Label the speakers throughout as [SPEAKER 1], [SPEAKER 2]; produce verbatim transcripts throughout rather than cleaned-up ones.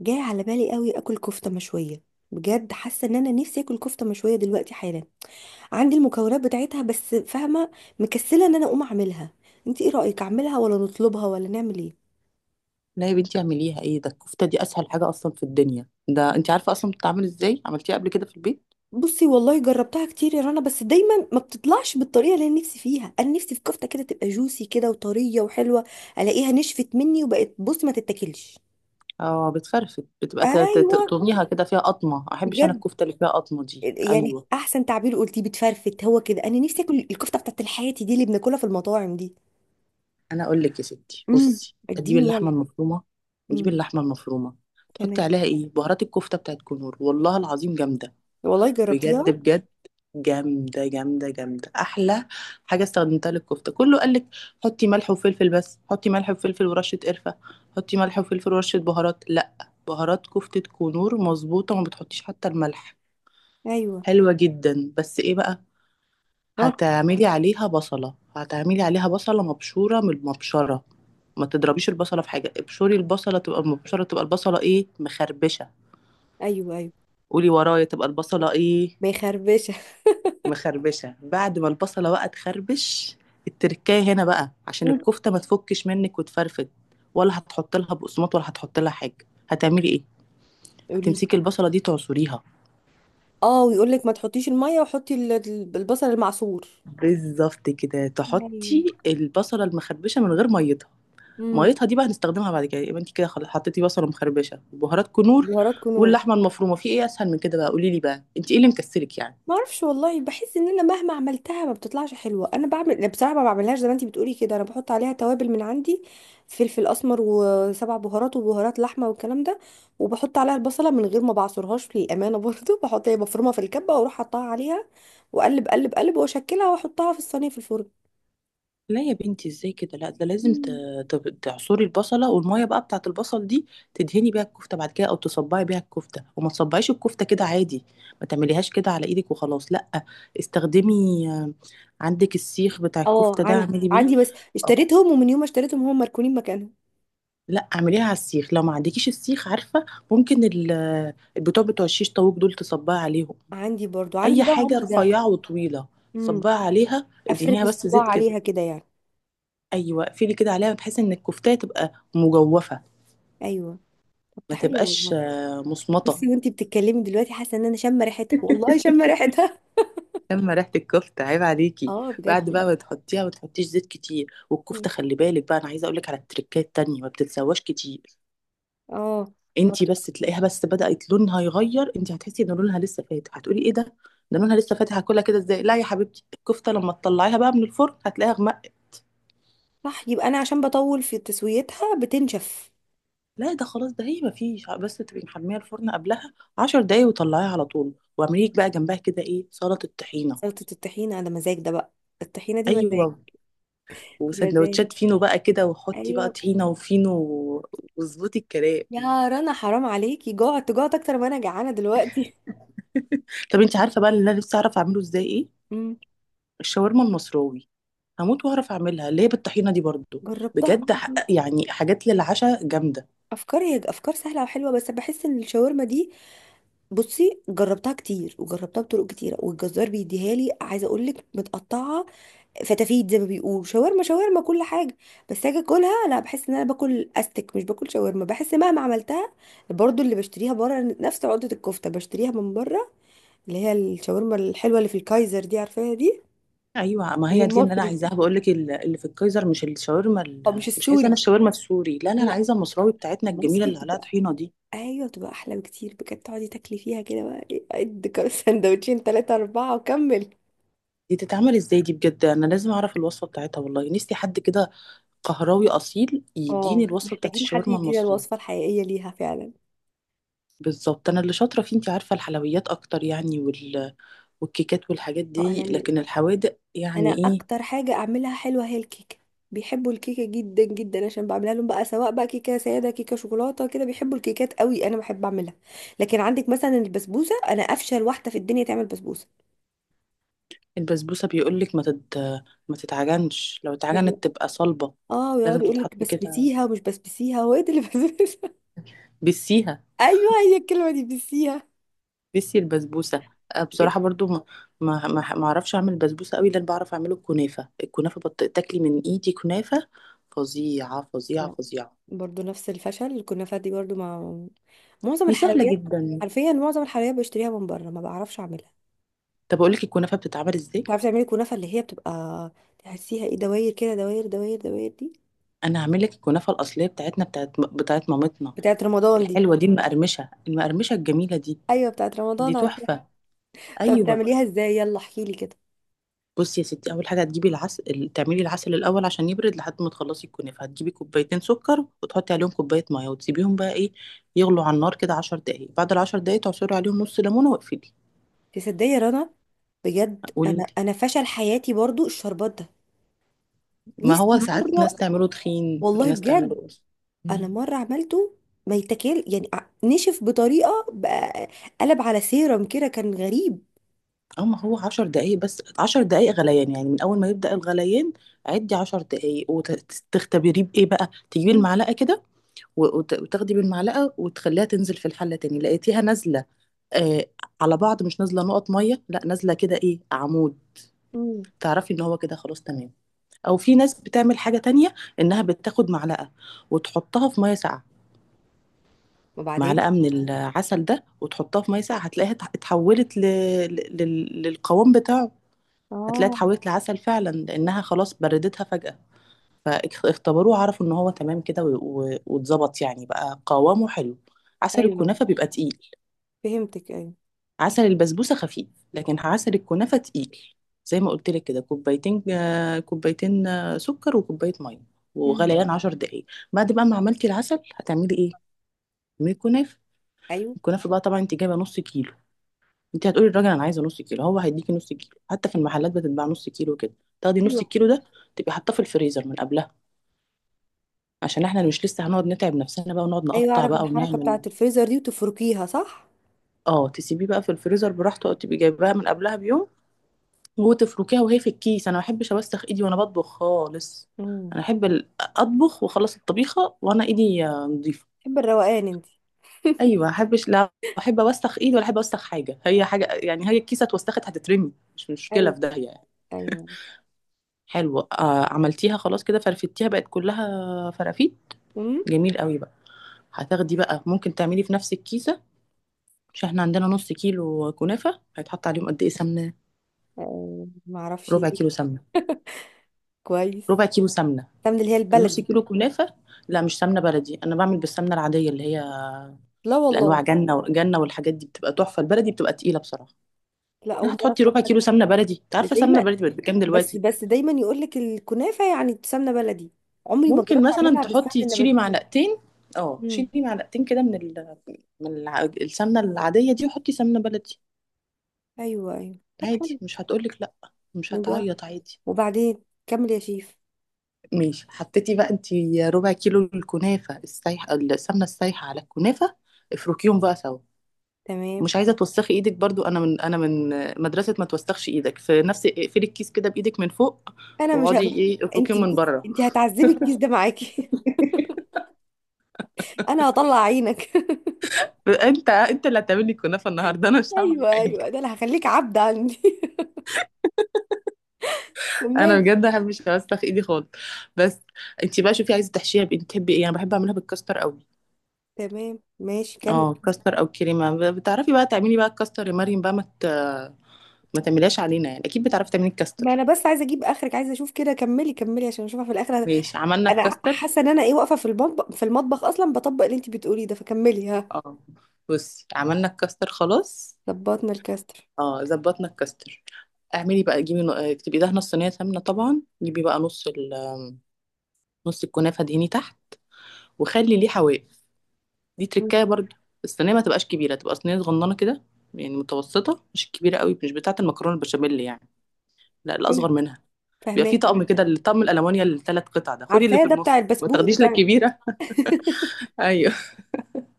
[SPEAKER 1] جاي على بالي قوي اكل كفته مشويه. بجد حاسه ان انا نفسي اكل كفته مشويه دلوقتي حالا. عندي المكونات بتاعتها بس فاهمه، مكسله ان انا اقوم اعملها. انت ايه رايك، اعملها ولا نطلبها ولا نعمل ايه؟
[SPEAKER 2] لا يا بنتي اعمليها، ايه ده؟ الكفته دي اسهل حاجه اصلا في الدنيا. ده انت عارفه اصلا بتتعمل ازاي، عملتيها قبل كده في البيت.
[SPEAKER 1] بصي والله جربتها كتير يا رنا، بس دايما ما بتطلعش بالطريقه اللي انا نفسي فيها. انا نفسي في كفته كده تبقى جوسي كده وطريه وحلوه. الاقيها نشفت مني وبقت، بص ما تتاكلش.
[SPEAKER 2] اه بتفرفت، بتبقى ت- ت-
[SPEAKER 1] ايوه،
[SPEAKER 2] تقطميها كده، فيها قطمه. ما احبش انا
[SPEAKER 1] بجد.
[SPEAKER 2] الكفته اللي فيها قطمه دي،
[SPEAKER 1] يعني
[SPEAKER 2] ايوه.
[SPEAKER 1] احسن تعبير قلتيه بتفرفت، هو كده. انا نفسي اكل الكفته بتاعت الحياتي دي اللي بناكلها في المطاعم دي.
[SPEAKER 2] انا اقول لك يا ستي،
[SPEAKER 1] امم.
[SPEAKER 2] بصي تجيبي
[SPEAKER 1] اديني
[SPEAKER 2] اللحمه
[SPEAKER 1] يلا.
[SPEAKER 2] المفرومه. نجيب
[SPEAKER 1] امم.
[SPEAKER 2] اللحمه المفرومه، تحطي
[SPEAKER 1] تمام.
[SPEAKER 2] عليها ايه؟ بهارات الكفته بتاعت كنور، والله العظيم جامده.
[SPEAKER 1] والله جربتيها؟
[SPEAKER 2] بجد بجد جامدة جامدة جامدة، أحلى حاجة استخدمتها للكفتة. كله قالك حطي ملح وفلفل. بس حطي ملح وفلفل ورشة قرفة، حطي ملح وفلفل ورشة بهارات، لأ، بهارات كفتة كنور مظبوطة وما بتحطيش حتى الملح.
[SPEAKER 1] ايوه.
[SPEAKER 2] حلوة جدا. بس إيه بقى؟
[SPEAKER 1] ها؟
[SPEAKER 2] هتعملي عليها بصلة، هتعملي عليها بصلة مبشورة من المبشرة. ما تضربيش البصلة في حاجة، ابشري البصلة، تبقى المبشرة تبقى البصلة إيه؟ مخربشة.
[SPEAKER 1] ايوه. ايوه،
[SPEAKER 2] قولي ورايا، تبقى البصلة إيه؟
[SPEAKER 1] ما يخربشه.
[SPEAKER 2] مخربشه. بعد ما البصله بقى تخربش، التركايه هنا بقى عشان الكفته ما تفكش منك وتفرفد. ولا هتحط لها بقسماط، ولا هتحط لها حاجه، هتعملي ايه؟
[SPEAKER 1] قولي لي.
[SPEAKER 2] هتمسكي البصله دي تعصريها.
[SPEAKER 1] اه، ويقول لك ما تحطيش الميه وحطي ال- ال- البصل المعصور.
[SPEAKER 2] بالظبط كده،
[SPEAKER 1] ايوه.
[SPEAKER 2] تحطي البصله المخربشه من غير ميتها.
[SPEAKER 1] امم.
[SPEAKER 2] ميتها دي بقى هنستخدمها بعد كده. يبقى انت كده خلاص حطيتي بصله مخربشه وبهارات كنور
[SPEAKER 1] بهارات كنوز.
[SPEAKER 2] واللحمه المفرومه. في ايه اسهل من كده بقى؟ قولي لي بقى، انت ايه اللي مكسلك يعني؟
[SPEAKER 1] ما اعرفش والله، بحس ان انا مهما عملتها ما بتطلعش حلوه. انا بعمل، لا بصراحه ما بعملهاش زي ما انتي بتقولي كده، انا بحط عليها توابل من عندي، فلفل اسمر وسبع بهارات وبهارات لحمه والكلام ده. وبحط عليها البصله من غير ما بعصرهاش للامانه برضو بحط هي مفرومه في الكبه واروح حطها عليها، واقلب قلب قلب واشكلها واحطها في الصينيه في الفرن.
[SPEAKER 2] لا يا بنتي، ازاي كده؟ لا، ده لازم ت-
[SPEAKER 1] مم.
[SPEAKER 2] ت- تعصري البصله، والميه بقى بتاعه البصل دي تدهني بيها الكفته بعد كده، او تصبعي بيها الكفته. وما تصبعيش الكفته كده عادي، ما تعمليهاش كده على ايدك وخلاص، لا. استخدمي، آه، عندك السيخ بتاع
[SPEAKER 1] اه
[SPEAKER 2] الكفته ده،
[SPEAKER 1] عندي،
[SPEAKER 2] اعملي بيه.
[SPEAKER 1] عندي، بس
[SPEAKER 2] آه،
[SPEAKER 1] اشتريتهم ومن يوم ما اشتريتهم هم مركونين مكانهم.
[SPEAKER 2] لا، اعمليها على السيخ. لو ما عندكيش السيخ، عارفه، ممكن ال- البتوع بتوع الشيش طاووق دول تصبعي عليهم.
[SPEAKER 1] عندي برضو، عندي
[SPEAKER 2] اي
[SPEAKER 1] ده
[SPEAKER 2] حاجه
[SPEAKER 1] وعندي ده.
[SPEAKER 2] رفيعه وطويله،
[SPEAKER 1] امم.
[SPEAKER 2] صبعي عليها،
[SPEAKER 1] افرد
[SPEAKER 2] ادهنيها بس
[SPEAKER 1] الصباع
[SPEAKER 2] زيت كده.
[SPEAKER 1] عليها كده يعني؟
[SPEAKER 2] ايوه، اقفلي كده عليها بحيث ان الكفتة تبقى مجوفه.
[SPEAKER 1] ايوه. طب ده
[SPEAKER 2] ما
[SPEAKER 1] حلو
[SPEAKER 2] تبقاش
[SPEAKER 1] والله.
[SPEAKER 2] آه، مصمطة.
[SPEAKER 1] بصي وانتي بتتكلمي دلوقتي حاسه ان انا شامه ريحتها، والله شامه ريحتها.
[SPEAKER 2] اما ريحة الكفتة، عيب عليكي!
[SPEAKER 1] اه، بجد
[SPEAKER 2] بعد بقى
[SPEAKER 1] بقى.
[SPEAKER 2] ما تحطيها، ما تحطيش زيت كتير.
[SPEAKER 1] مم.
[SPEAKER 2] والكفتة خلي بالك بقى، انا عايزة اقولك على التريكات التانية، ما بتتسواش كتير.
[SPEAKER 1] اه. ما
[SPEAKER 2] انتي
[SPEAKER 1] بت-
[SPEAKER 2] بس تلاقيها بس بدأت لونها يغير، انتي هتحسي ان لونها لسه فاتح، هتقولي ايه ده، ده لونها لسه فاتح، هاكلها كده ازاي؟ لا يا حبيبتي، الكفتة لما تطلعيها بقى من الفرن هتلاقيها غمق.
[SPEAKER 1] صح، يبقى انا عشان بطول في تسويتها بتنشف.
[SPEAKER 2] لا ده خلاص، ده هي ما فيش، بس تبقي محمية الفرن قبلها عشر دقايق، وطلعيها على طول، واعمليك بقى جنبها كده ايه، سلطة طحينة.
[SPEAKER 1] سلطه الطحينه على مزاج ده بقى، الطحينه دي
[SPEAKER 2] ايوه،
[SPEAKER 1] مزاج. مزاج.
[SPEAKER 2] وسندوتشات فينو بقى كده، وحطي بقى
[SPEAKER 1] ايوه.
[SPEAKER 2] طحينه وفينو و- واظبطي الكلام.
[SPEAKER 1] يا رنا حرام عليكي، جعت، جعت اكتر ما انا جعانه دلوقتي.
[SPEAKER 2] طب انت عارفه بقى اللي انا نفسي اعرف اعمله ازاي ايه؟
[SPEAKER 1] مم.
[SPEAKER 2] الشاورما المصراوي. هموت واعرف اعملها، اللي هي بالطحينه دي برضو.
[SPEAKER 1] جربتها
[SPEAKER 2] بجد، ح-
[SPEAKER 1] برضه.
[SPEAKER 2] يعني حاجات للعشاء جامده.
[SPEAKER 1] افكار، هي افكار سهله وحلوه، بس بحس ان الشاورما دي، بصي جربتها كتير وجربتها بطرق كتيره، والجزار بيديها لي عايزه اقول لك متقطعه فتافيت، زي ما بيقولوا شاورما شاورما كل حاجه. بس اجي اكلها، لا، بحس ان انا باكل استك مش باكل شاورما. بحس مهما عملتها، برضو اللي بشتريها بره نفس عقده الكفته بشتريها من بره، اللي هي الشاورما الحلوه اللي في الكايزر دي، عارفاها دي.
[SPEAKER 2] ايوه ما
[SPEAKER 1] اللي هي
[SPEAKER 2] هي دي اللي انا
[SPEAKER 1] المصري دي،
[SPEAKER 2] عايزاها، بقول لك ال- اللي في الكايزر، مش الشاورما
[SPEAKER 1] او
[SPEAKER 2] ال-
[SPEAKER 1] مش
[SPEAKER 2] مش عايزه انا
[SPEAKER 1] السوري.
[SPEAKER 2] الشاورما السوري، لا لا، انا
[SPEAKER 1] لا،
[SPEAKER 2] عايزه المصراوي بتاعتنا الجميله
[SPEAKER 1] المصري
[SPEAKER 2] اللي عليها
[SPEAKER 1] بتبقى،
[SPEAKER 2] طحينه دي.
[SPEAKER 1] ايوه، بتبقى احلى بكتير بجد. تقعدي تاكلي فيها كده بقى ايه، قد كام؟ سندوتشين، ثلاثه، اربعه، وكمل.
[SPEAKER 2] دي تتعمل ازاي دي بجد؟ انا لازم اعرف الوصفه بتاعتها، والله نفسي حد كده قهراوي اصيل يديني
[SPEAKER 1] اه،
[SPEAKER 2] الوصفه بتاعت
[SPEAKER 1] محتاجين حد
[SPEAKER 2] الشاورما
[SPEAKER 1] يدينا
[SPEAKER 2] المصراوي.
[SPEAKER 1] الوصفه الحقيقيه ليها فعلا.
[SPEAKER 2] بالظبط. انا اللي شاطره فيه انت عارفه الحلويات اكتر يعني وال... والكيكات والحاجات
[SPEAKER 1] اه،
[SPEAKER 2] دي،
[SPEAKER 1] انا
[SPEAKER 2] لكن الحوادق
[SPEAKER 1] انا
[SPEAKER 2] يعني ايه.
[SPEAKER 1] اكتر حاجه اعملها حلوه هي الكيكه. بيحبوا الكيكه جدا جدا عشان بعملها لهم بقى، سواء بقى كيكه ساده، كيكه شوكولاته، كده بيحبوا الكيكات قوي، انا بحب اعملها. لكن عندك مثلا البسبوسه، انا افشل واحده في الدنيا تعمل بسبوسه.
[SPEAKER 2] البسبوسه بيقولك ما تت... ما تتعجنش، لو
[SPEAKER 1] ده بي...
[SPEAKER 2] اتعجنت تبقى صلبه.
[SPEAKER 1] اه،
[SPEAKER 2] لازم
[SPEAKER 1] ويقعد يقول
[SPEAKER 2] تتحط
[SPEAKER 1] لك
[SPEAKER 2] كده،
[SPEAKER 1] بسبسيها ومش بسبسيها. هو ايه ده اللي بسبسها؟
[SPEAKER 2] بسيها،
[SPEAKER 1] ايوه هي الكلمه دي، بسيها.
[SPEAKER 2] بسي البسبوسه. أه،
[SPEAKER 1] بجد.
[SPEAKER 2] بصراحه برضو ما ما ما ما اعرفش اعمل بسبوسه قوي. لان بعرف اعمله الكنافه، الكنافه بط... تاكلي من ايدي كنافه فظيعه فظيعه
[SPEAKER 1] لا،
[SPEAKER 2] فظيعه.
[SPEAKER 1] برضه نفس الفشل الكنافه دي، برضه مع معظم
[SPEAKER 2] دي سهله
[SPEAKER 1] الحلويات.
[SPEAKER 2] جدا.
[SPEAKER 1] حرفيا معظم الحلويات بشتريها من بره، ما بعرفش اعملها.
[SPEAKER 2] طب اقول لك الكنافه بتتعمل ازاي.
[SPEAKER 1] بتعرفي تعملي كنافة اللي هي بتبقى، تحسيها ايه، دواير كده، دواير دواير دواير دي؟
[SPEAKER 2] انا هعمل لك الكنافه الاصليه بتاعتنا، بتاعت بتاعت مامتنا.
[SPEAKER 1] بتاعت رمضان دي؟
[SPEAKER 2] الحلوه دي، المقرمشه المقرمشه الجميله دي،
[SPEAKER 1] ايوه بتاعت
[SPEAKER 2] دي
[SPEAKER 1] رمضان، عارفاها.
[SPEAKER 2] تحفه.
[SPEAKER 1] طب
[SPEAKER 2] ايوه.
[SPEAKER 1] بتعمليها ازاي؟ يلا احكيلي كده.
[SPEAKER 2] بصي يا ستي، اول حاجه هتجيبي العسل، تعملي العسل الاول عشان يبرد لحد ما تخلصي الكنافه. هتجيبي كوبايتين سكر، وتحطي عليهم كوبايه ميه، وتسيبيهم بقى ايه، يغلوا على النار كده عشر دقائق. بعد ال عشر دقائق تعصري عليهم نص ليمونه واقفلي.
[SPEAKER 1] تصدقي يا رنا، بجد
[SPEAKER 2] قولي لي.
[SPEAKER 1] انا انا فشل حياتي برضو الشربات ده.
[SPEAKER 2] ما
[SPEAKER 1] نفسي
[SPEAKER 2] هو ساعات ناس
[SPEAKER 1] مره.
[SPEAKER 2] تعمله تخين،
[SPEAKER 1] والله
[SPEAKER 2] ناس
[SPEAKER 1] بجد.
[SPEAKER 2] تعمله.
[SPEAKER 1] انا
[SPEAKER 2] مم.
[SPEAKER 1] مره عملته ما يتاكل، يعني ع- نشف بطريقه بقى، قلب على سيرم كده، كان غريب.
[SPEAKER 2] اه ما هو عشر دقايق بس، عشر دقايق غليان، يعني من اول ما يبدأ الغليان عدي عشر دقايق، وتختبريه بإيه بقى، تجيبي
[SPEAKER 1] مم.
[SPEAKER 2] المعلقة كده و- وت- وتاخدي بالمعلقه وتخليها تنزل في الحله تاني. لقيتيها نازله آه، على بعض، مش نازله نقط ميه، لا، نازله كده ايه، عمود،
[SPEAKER 1] مم.
[SPEAKER 2] تعرفي ان هو كده خلاص تمام. او في ناس بتعمل حاجه تانية، انها بتاخد معلقه وتحطها في ميه ساقعه،
[SPEAKER 1] وبعدين؟
[SPEAKER 2] معلقه من العسل ده وتحطها في ميه ساقعه، هتلاقيها اتح- اتحولت ل... ل... لل- للقوام بتاعه. هتلاقيها
[SPEAKER 1] اه.
[SPEAKER 2] اتحولت لعسل فعلا لانها خلاص بردتها فجاه. فاختبروه عرفوا ان هو تمام كده و- و- واتظبط، يعني بقى قوامه حلو. عسل
[SPEAKER 1] ايوه،
[SPEAKER 2] الكنافه بيبقى تقيل.
[SPEAKER 1] فهمتك. ايوه.
[SPEAKER 2] عسل البسبوسة خفيف، لكن عسل الكنافة تقيل. زي ما قلت لك كده، كوبايتين آه، كوبايتين آه، سكر وكوباية مية،
[SPEAKER 1] مم.
[SPEAKER 2] وغليان عشر دقايق. بعد بقى ما عملتي العسل، هتعملي ايه؟ من الكنافة. الكنافة بقى، طبعا انت جايبة نص كيلو. انت هتقولي للراجل انا عايزة نص كيلو، هو هيديكي نص كيلو، حتى في
[SPEAKER 1] ايوه،
[SPEAKER 2] المحلات بتتباع نص كيلو كده. تاخدي نص الكيلو ده، تبقي حاطاه في الفريزر من قبلها، عشان احنا مش لسه هنقعد نتعب نفسنا بقى ونقعد
[SPEAKER 1] ايوه،
[SPEAKER 2] نقطع
[SPEAKER 1] اعرف
[SPEAKER 2] بقى
[SPEAKER 1] الحركه
[SPEAKER 2] ونعمل.
[SPEAKER 1] بتاعه الفريزر دي، وتفركيها صح.
[SPEAKER 2] اه تسيبيه بقى في الفريزر براحته، او تبقي جايباها من قبلها بيوم، وتفركيها وهي في الكيس. انا ما بحبش اوسخ ايدي وانا بطبخ خالص.
[SPEAKER 1] امم.
[SPEAKER 2] انا احب ال- اطبخ واخلص الطبيخه وانا ايدي آه، نظيفه.
[SPEAKER 1] بحب الروقان انت.
[SPEAKER 2] ايوه، ما احبش، لا. احب اوسخ ايدي ولا احب اوسخ حاجه، هي حاجه يعني، هي الكيسه اتوسخت هتترمي، مش مشكله،
[SPEAKER 1] ايوه،
[SPEAKER 2] في داهيه يعني.
[SPEAKER 1] ايوه.
[SPEAKER 2] حلو، آه، عملتيها خلاص كده، فرفتيها، بقت كلها فرافيت،
[SPEAKER 1] امم.
[SPEAKER 2] جميل قوي بقى. هتاخدي بقى، ممكن تعملي في نفس الكيسه. مش احنا عندنا نص كيلو كنافه، هيتحط عليهم قد ايه سمنه؟
[SPEAKER 1] آه، ما اعرفش
[SPEAKER 2] ربع كيلو
[SPEAKER 1] إيه.
[SPEAKER 2] سمنه.
[SPEAKER 1] كويس.
[SPEAKER 2] ربع كيلو سمنه،
[SPEAKER 1] تمن اللي هي
[SPEAKER 2] نص
[SPEAKER 1] البلدي.
[SPEAKER 2] كيلو كنافه. لا مش سمنه بلدي، انا بعمل بالسمنه العاديه اللي هي
[SPEAKER 1] لا
[SPEAKER 2] الانواع
[SPEAKER 1] والله.
[SPEAKER 2] جنه جنه والحاجات دي، بتبقى تحفه. البلدي بتبقى تقيله بصراحه.
[SPEAKER 1] لا،
[SPEAKER 2] يعني
[SPEAKER 1] اول مره
[SPEAKER 2] هتحطي
[SPEAKER 1] اسمع
[SPEAKER 2] ربع
[SPEAKER 1] حد.
[SPEAKER 2] كيلو سمنه بلدي، انت
[SPEAKER 1] ده
[SPEAKER 2] عارفه سمنه
[SPEAKER 1] دايما،
[SPEAKER 2] بلدي بقت بكام
[SPEAKER 1] بس
[SPEAKER 2] دلوقتي؟
[SPEAKER 1] بس دايما يقول لك الكنافه يعني سمنه بلدي. عمري ما
[SPEAKER 2] ممكن
[SPEAKER 1] جربت
[SPEAKER 2] مثلا
[SPEAKER 1] اعملها بالسمنه
[SPEAKER 2] تحطي، تشيلي
[SPEAKER 1] النباتيه.
[SPEAKER 2] معلقتين، اه
[SPEAKER 1] امم.
[SPEAKER 2] شيلي معلقتين كده من ال... من الع... السمنه العاديه دي، وحطي سمنه بلدي.
[SPEAKER 1] ايوه، ايوه، طب
[SPEAKER 2] عادي،
[SPEAKER 1] حلو.
[SPEAKER 2] مش هتقولك لا، مش
[SPEAKER 1] نجرب.
[SPEAKER 2] هتعيط، عادي.
[SPEAKER 1] وبعدين كمل يا شيف.
[SPEAKER 2] ماشي، حطيتي بقى انت ربع كيلو الكنافه السايحه، السمنه السايحه على الكنافه، افركيهم بقى سوا.
[SPEAKER 1] تمام.
[SPEAKER 2] مش عايزه توسخي ايدك برضو، انا من انا من مدرسه ما توسخش ايدك في نفس، اقفلي الكيس كده بايدك من فوق،
[SPEAKER 1] انا مش
[SPEAKER 2] واقعدي
[SPEAKER 1] هبقى،
[SPEAKER 2] ايه، افركيه
[SPEAKER 1] انت
[SPEAKER 2] من
[SPEAKER 1] بس،
[SPEAKER 2] بره.
[SPEAKER 1] انت هتعذبي الكيس ده معاكي. انا هطلع عينك.
[SPEAKER 2] انت انت اللي هتعمل لي كنافه النهارده، انا مش هعمل
[SPEAKER 1] ايوه،
[SPEAKER 2] حاجه.
[SPEAKER 1] ايوه، ده انا هخليك عبد عندي.
[SPEAKER 2] انا
[SPEAKER 1] كملي.
[SPEAKER 2] بجد ما بحبش اوسخ ايدي خالص. بس انت بقى شوفي عايزه تحشيها بايه، بتحبي ايه. انا بحب اعملها بالكاستر قوي.
[SPEAKER 1] تمام، ماشي كمل.
[SPEAKER 2] اه، كاستر او كريمه، ب- بتعرفي بقى تعملي بقى الكاستر يا مريم بقى، ما ت- ما تعمليهاش علينا يعني، اكيد بتعرفي تعملي
[SPEAKER 1] ما انا
[SPEAKER 2] الكاستر.
[SPEAKER 1] بس عايزه اجيب اخرك، عايزه اشوف كده، كملي، كملي عشان اشوفها في الاخر.
[SPEAKER 2] ماشي، عملنا
[SPEAKER 1] انا
[SPEAKER 2] الكاستر.
[SPEAKER 1] حاسه ان انا ايه، واقفه في المطبخ، في المطبخ اصلا بطبق اللي انت بتقوليه ده، فكملي ها.
[SPEAKER 2] اه، بصي، عملنا الكاستر خلاص.
[SPEAKER 1] ظبطنا الكاستر.
[SPEAKER 2] اه، ظبطنا الكاستر. اعملي بقى، جيبي ن- اكتبي، دهنه الصينيه سمنه طبعا، جيبي بقى نص ال نص الكنافه دهني تحت، وخلي ليه حواف، دي
[SPEAKER 1] مم.
[SPEAKER 2] تركايه برضو. الصينيه ما تبقاش كبيره، تبقى صينيه صغننه كده، يعني متوسطه، مش كبيره قوي، مش بتاعه المكرونه البشاميل يعني، لا،
[SPEAKER 1] ايوه
[SPEAKER 2] الاصغر منها. بيبقى فيه
[SPEAKER 1] فهماكي،
[SPEAKER 2] طقم
[SPEAKER 1] ماشي.
[SPEAKER 2] كده، الطقم الالمونيا الثلاث قطع ده، خدي اللي
[SPEAKER 1] عارفاه
[SPEAKER 2] في
[SPEAKER 1] ده، بتاع
[SPEAKER 2] النص، ما
[SPEAKER 1] البسبوق
[SPEAKER 2] تاخديش لا
[SPEAKER 1] بتاع.
[SPEAKER 2] الكبيره. ايوه،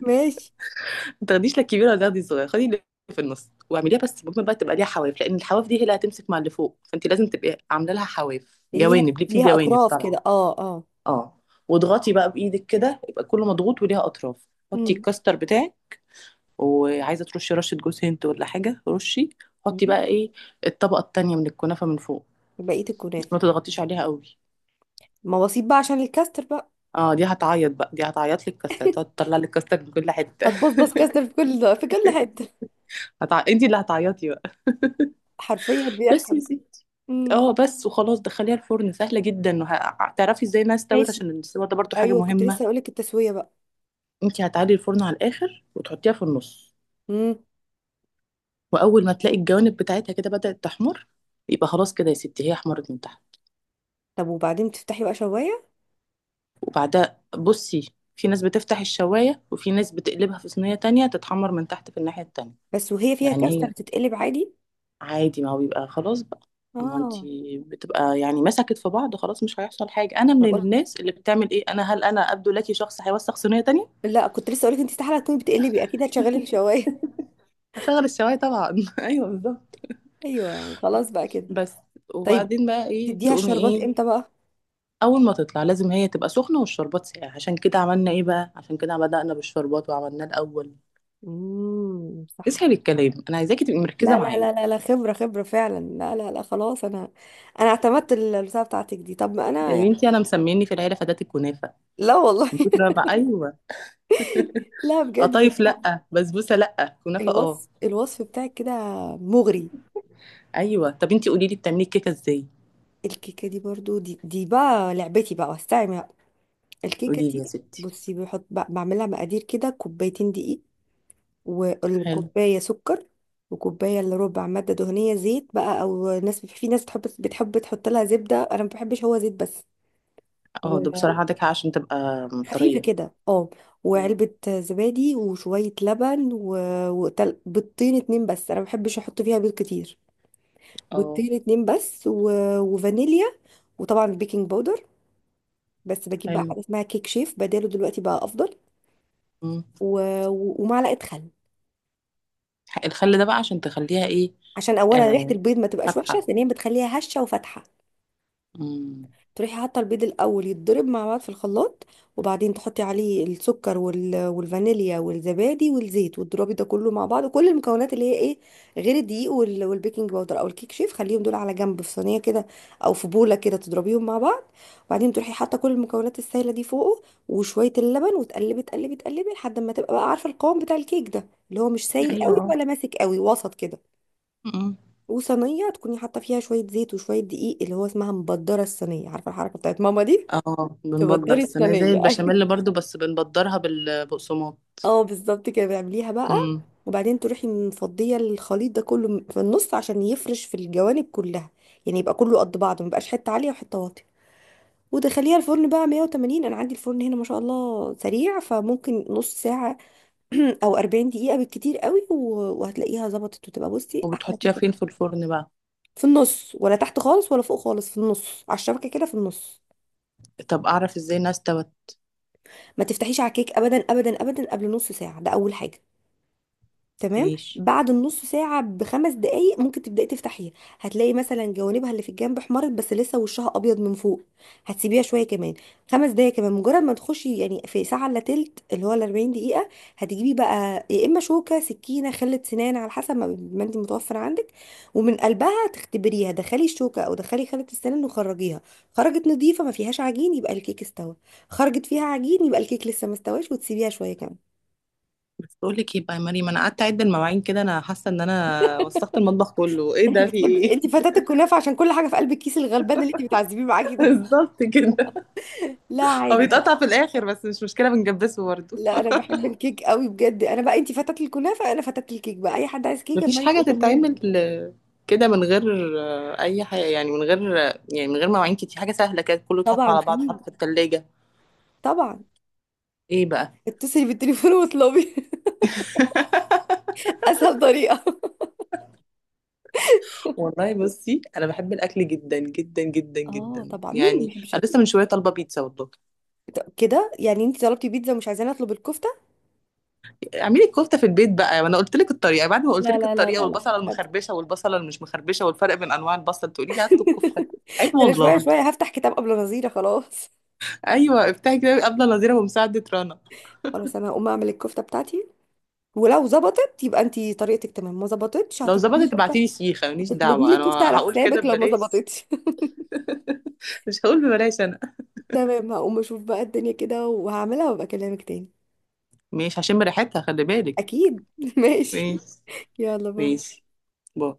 [SPEAKER 1] ماشي.
[SPEAKER 2] ما تاخديش لا الكبيره ولا تاخدي الصغيره، خدي اللي في النص واعمليها. بس ممكن بقى تبقى ليها حواف، لان الحواف دي هي اللي هتمسك مع اللي فوق، فانت لازم تبقي عامله لها حواف،
[SPEAKER 1] اللي ليها،
[SPEAKER 2] جوانب ليه، في
[SPEAKER 1] ليها
[SPEAKER 2] جوانب
[SPEAKER 1] اطراف
[SPEAKER 2] طبعا.
[SPEAKER 1] كده، اه اه.
[SPEAKER 2] اه، واضغطي بقى بايدك كده يبقى كله مضغوط وليها اطراف، حطي
[SPEAKER 1] امم.
[SPEAKER 2] الكاستر بتاعك. وعايزه ترشي رشه جوز هند ولا حاجه، رشي. حطي بقى ايه، الطبقه التانية من الكنافه من فوق،
[SPEAKER 1] بقيه
[SPEAKER 2] بس
[SPEAKER 1] الكنافه.
[SPEAKER 2] ما تضغطيش عليها قوي.
[SPEAKER 1] مواصيب بقى عشان الكاستر بقى.
[SPEAKER 2] اه، دي هتعيط بقى، دي هتعيط لك كاستر، تقعد تطلع لك كاستر من كل حته.
[SPEAKER 1] هتبصبص كاستر في كل، في كل حته.
[SPEAKER 2] هتع... انت اللي هتعيطي بقى.
[SPEAKER 1] حرفيا
[SPEAKER 2] بس يا
[SPEAKER 1] بيحصل.
[SPEAKER 2] ستي.
[SPEAKER 1] امم.
[SPEAKER 2] اه، بس وخلاص، دخليها الفرن. سهله جدا، وهتعرفي ازاي انها استوت،
[SPEAKER 1] ماشي.
[SPEAKER 2] عشان الاستوى ده برضو حاجه
[SPEAKER 1] ايوه كنت لسه
[SPEAKER 2] مهمه.
[SPEAKER 1] هقولك التسويه بقى.
[SPEAKER 2] انت هتعلي الفرن على الاخر، وتحطيها في النص،
[SPEAKER 1] امم.
[SPEAKER 2] واول ما تلاقي الجوانب بتاعتها كده بدأت تحمر، يبقى خلاص كده يا ستي، هي حمرت من تحت.
[SPEAKER 1] طب وبعدين تفتحي بقى شوايه؟
[SPEAKER 2] وبعدها بصي، في ناس بتفتح الشواية، وفي ناس بتقلبها في صينية تانية تتحمر من تحت في الناحية التانية.
[SPEAKER 1] بس وهي فيها
[SPEAKER 2] يعني
[SPEAKER 1] كاستر
[SPEAKER 2] هي
[SPEAKER 1] تتقلب عادي؟
[SPEAKER 2] عادي، ما هو بيبقى خلاص بقى، ما
[SPEAKER 1] اه.
[SPEAKER 2] انتي بتبقى يعني مسكت في بعض خلاص، مش هيحصل حاجة. أنا من
[SPEAKER 1] أنا قلت،
[SPEAKER 2] الناس اللي بتعمل إيه، أنا، هل أنا أبدو لك شخص هيوسخ صينية تانية؟
[SPEAKER 1] لا، كنت لسه اقولك انت استحاله تكوني بتقلبي، اكيد هتشغلي الشوايه.
[SPEAKER 2] هشغل الشواية طبعا. أيوه، بالظبط.
[SPEAKER 1] ايوه، وخلاص بقى كده.
[SPEAKER 2] بس.
[SPEAKER 1] طيب،
[SPEAKER 2] وبعدين بقى إيه
[SPEAKER 1] تديها
[SPEAKER 2] تقومي
[SPEAKER 1] الشربات
[SPEAKER 2] إيه؟
[SPEAKER 1] امتى بقى؟
[SPEAKER 2] اول ما تطلع لازم هي تبقى سخنه والشربات ساقع، عشان كده عملنا ايه بقى، عشان كده بدأنا بالشربات وعملناه الاول.
[SPEAKER 1] امم، صح.
[SPEAKER 2] اسهل الكلام. انا عايزاكي تبقي مركزه
[SPEAKER 1] لا لا
[SPEAKER 2] معايا.
[SPEAKER 1] لا لا لا، خبره، خبره فعلا، لا لا لا، خلاص انا، انا اعتمدت البتاعه بتاعتك دي. طب ما انا
[SPEAKER 2] يا
[SPEAKER 1] يعني.
[SPEAKER 2] بنتي انا مسميني في العيله فدات الكنافه،
[SPEAKER 1] لا والله.
[SPEAKER 2] من كتر ما، ايوه،
[SPEAKER 1] لا بجد.
[SPEAKER 2] قطايف،
[SPEAKER 1] لا.
[SPEAKER 2] لا، بسبوسه، لا، كنافه، اه.
[SPEAKER 1] الوصف، الوصف بتاعك كده مغري.
[SPEAKER 2] ايوه طب انتي قولي لي بتعملي الكيكه ازاي.
[SPEAKER 1] الكيكه دي برضو، دي دي بقى لعبتي بقى واستعمل الكيكة
[SPEAKER 2] قولي لي
[SPEAKER 1] دي.
[SPEAKER 2] يا ستي.
[SPEAKER 1] بصي، بحط ب- بعملها مقادير كده، كوبايتين دقيق،
[SPEAKER 2] حلو.
[SPEAKER 1] والكوباية سكر، وكوباية إلا ربع مادة دهنية زيت بقى، أو ناس، في ناس بتحب بتحب تحط لها زبدة، أنا ما بحبش، هو زيت بس
[SPEAKER 2] اه، ده بصراحه
[SPEAKER 1] وخفيفة
[SPEAKER 2] عندك حق عشان تبقى طريه.
[SPEAKER 1] كده، اه.
[SPEAKER 2] مم.
[SPEAKER 1] وعلبة زبادي وشوية لبن و... وتل... بيضتين اتنين بس، أنا ما بحبش أحط فيها بيض كتير.
[SPEAKER 2] اه،
[SPEAKER 1] بيضتين اتنين بس و... وفانيليا وطبعا بيكنج باودر، بس بجيب بقى
[SPEAKER 2] حلو.
[SPEAKER 1] حاجة اسمها كيك شيف بداله دلوقتي بقى، أفضل.
[SPEAKER 2] مم.
[SPEAKER 1] و... و- ومعلقة خل.
[SPEAKER 2] الخل ده بقى عشان تخليها ايه؟
[SPEAKER 1] عشان اولا ريحه
[SPEAKER 2] آه،
[SPEAKER 1] البيض ما تبقاش وحشه،
[SPEAKER 2] فاتحه.
[SPEAKER 1] ثانيا بتخليها هشه وفاتحه.
[SPEAKER 2] مم.
[SPEAKER 1] تروحي حاطه البيض الاول يتضرب مع بعض في الخلاط، وبعدين تحطي عليه السكر وال... والفانيليا والزبادي والزيت، وتضربي ده كله مع بعض، كل المكونات اللي هي ايه، غير الدقيق وال... والبيكنج باودر او الكيك شيف، خليهم دول على جنب في صينيه كده، او في بوله كده تضربيهم مع بعض. وبعدين تروحي حاطه كل المكونات السائله دي فوقه، وشويه اللبن، وتقلبي تقلبي تقلبي لحد ما تبقى بقى عارفه القوام بتاع الكيك ده، اللي هو مش سايل قوي
[SPEAKER 2] ايوه.
[SPEAKER 1] ولا ماسك قوي، وسط كده. وصينيه تكوني حاطه فيها شويه زيت وشويه دقيق، اللي هو اسمها مبدره الصينيه، عارفه الحركه بتاعت ماما دي.
[SPEAKER 2] اه، بنبدر
[SPEAKER 1] تبدري
[SPEAKER 2] السنة زي
[SPEAKER 1] الصينيه ايوه،
[SPEAKER 2] البشاميل برضو، بس بنبدرها بالبقسماط.
[SPEAKER 1] اه بالظبط كده بيعمليها بقى.
[SPEAKER 2] امم.
[SPEAKER 1] وبعدين تروحي مفضيه الخليط ده كله في النص عشان يفرش في الجوانب كلها، يعني يبقى كله قد بعضه، ما يبقاش حته عاليه وحته واطيه. ودخليها الفرن بقى مية وتمانين. انا عندي الفرن هنا ما شاء الله سريع، فممكن نص ساعه او اربعين دقيقه بالكتير قوي، و- وهتلاقيها ظبطت، وتبقى بصي احلى
[SPEAKER 2] وبتحطيها
[SPEAKER 1] كيكه.
[SPEAKER 2] فين في الفرن بقى؟
[SPEAKER 1] في النص، ولا تحت خالص ولا فوق خالص، في النص على الشبكه كده، في النص.
[SPEAKER 2] طب اعرف ازاي انها استوت؟
[SPEAKER 1] ما تفتحيش على الكيك ابدا ابدا ابدا قبل نص ساعه، ده اول حاجه. تمام.
[SPEAKER 2] ماشي.
[SPEAKER 1] بعد النص ساعة بخمس دقايق ممكن تبدأي تفتحيها. هتلاقي مثلا جوانبها اللي في الجنب احمرت، بس لسه وشها أبيض من فوق. هتسيبيها شوية كمان، خمس دقايق كمان. مجرد ما تخشي يعني في ساعة إلا تلت، اللي هو الأربعين دقيقة، هتجيبي بقى يا إما شوكة، سكينة، خلة سنان، على حسب ما ما أنت متوفر عندك. ومن قلبها تختبريها، دخلي الشوكة أو دخلي خلة السنان وخرجيها. خرجت نظيفة ما فيهاش عجين، يبقى الكيك استوى. خرجت فيها عجين، يبقى الكيك لسه ما استواش، وتسيبيها شوية كمان.
[SPEAKER 2] بس بقول لك ايه بقى يا مريم، انا قعدت اعد المواعين كده، انا حاسه ان انا وسخت المطبخ كله، ايه
[SPEAKER 1] انت
[SPEAKER 2] ده، في
[SPEAKER 1] بتحبي،
[SPEAKER 2] ايه؟
[SPEAKER 1] انت فتاة الكنافه عشان كل حاجه في قلب الكيس الغلبان اللي انت بتعذبيه معاكي ده.
[SPEAKER 2] بالظبط كده.
[SPEAKER 1] لا
[SPEAKER 2] هو
[SPEAKER 1] عادي.
[SPEAKER 2] بيتقطع في الاخر بس مش مشكله، بنجبسه برضو.
[SPEAKER 1] لا انا بحب الكيك قوي بجد، انا بقى، انت فتاة الكنافه، انا فتاة الكيك بقى. اي حد عايز كيك
[SPEAKER 2] مفيش
[SPEAKER 1] اما
[SPEAKER 2] حاجه
[SPEAKER 1] يقول اعملي لي كيك.
[SPEAKER 2] تتعمل آه، كده من غير آه، اي حاجه، يعني من غير، يعني من غير مواعين كتير، حاجه سهله كده، كله اتحط
[SPEAKER 1] طبعا
[SPEAKER 2] على
[SPEAKER 1] في،
[SPEAKER 2] بعض، حط في التلاجة.
[SPEAKER 1] طبعا.
[SPEAKER 2] ايه بقى؟
[SPEAKER 1] اتصلي بالتليفون واطلبي. اسهل طريقه.
[SPEAKER 2] والله بصي انا بحب الاكل جدا جدا جدا
[SPEAKER 1] اه
[SPEAKER 2] جدا
[SPEAKER 1] طبعا، مين اللي ما
[SPEAKER 2] يعني،
[SPEAKER 1] بيحبش
[SPEAKER 2] انا
[SPEAKER 1] ال-
[SPEAKER 2] لسه من شويه طالبه بيتزا والله.
[SPEAKER 1] طب كده يعني انت طلبتي بيتزا ومش عايزاني اطلب الكفته؟
[SPEAKER 2] اعملي الكفته في البيت بقى، وانا قلت لك الطريقه، بعد ما قلت
[SPEAKER 1] لا
[SPEAKER 2] لك
[SPEAKER 1] لا لا
[SPEAKER 2] الطريقه،
[SPEAKER 1] لا لا
[SPEAKER 2] والبصله
[SPEAKER 1] مش قادره.
[SPEAKER 2] المخربشه، والبصله اللي مش مخربشه، والفرق بين انواع البصل، تقولي لي هطلب كفته؟ عيب
[SPEAKER 1] ده انا شويه
[SPEAKER 2] والله!
[SPEAKER 1] شويه هفتح كتاب قبل نظيره، خلاص.
[SPEAKER 2] ايوه، افتحي كده قبل نظيره ومساعده رنا.
[SPEAKER 1] خلاص، انا هقوم اعمل الكفته بتاعتي، ولو ظبطت يبقى انت طريقتك تمام، ما ظبطتش
[SPEAKER 2] لو
[SPEAKER 1] هتطلبي لي
[SPEAKER 2] ظبطت
[SPEAKER 1] كفته.
[SPEAKER 2] ابعتي لي سيخه، ماليش
[SPEAKER 1] هتطلبي
[SPEAKER 2] دعوه
[SPEAKER 1] لي
[SPEAKER 2] انا.
[SPEAKER 1] كفته على
[SPEAKER 2] هقول كده
[SPEAKER 1] حسابك لو ما
[SPEAKER 2] ببلاش،
[SPEAKER 1] ظبطتش.
[SPEAKER 2] مش هقول ببلاش انا.
[SPEAKER 1] تمام، هقوم اشوف بقى الدنيا كده وهعملها وابقى اكلمك تاني.
[SPEAKER 2] ماشي، هشم ريحتها خلي بالك.
[SPEAKER 1] اكيد. ماشي.
[SPEAKER 2] ماشي.
[SPEAKER 1] يلا، باي.
[SPEAKER 2] ماشي، باي.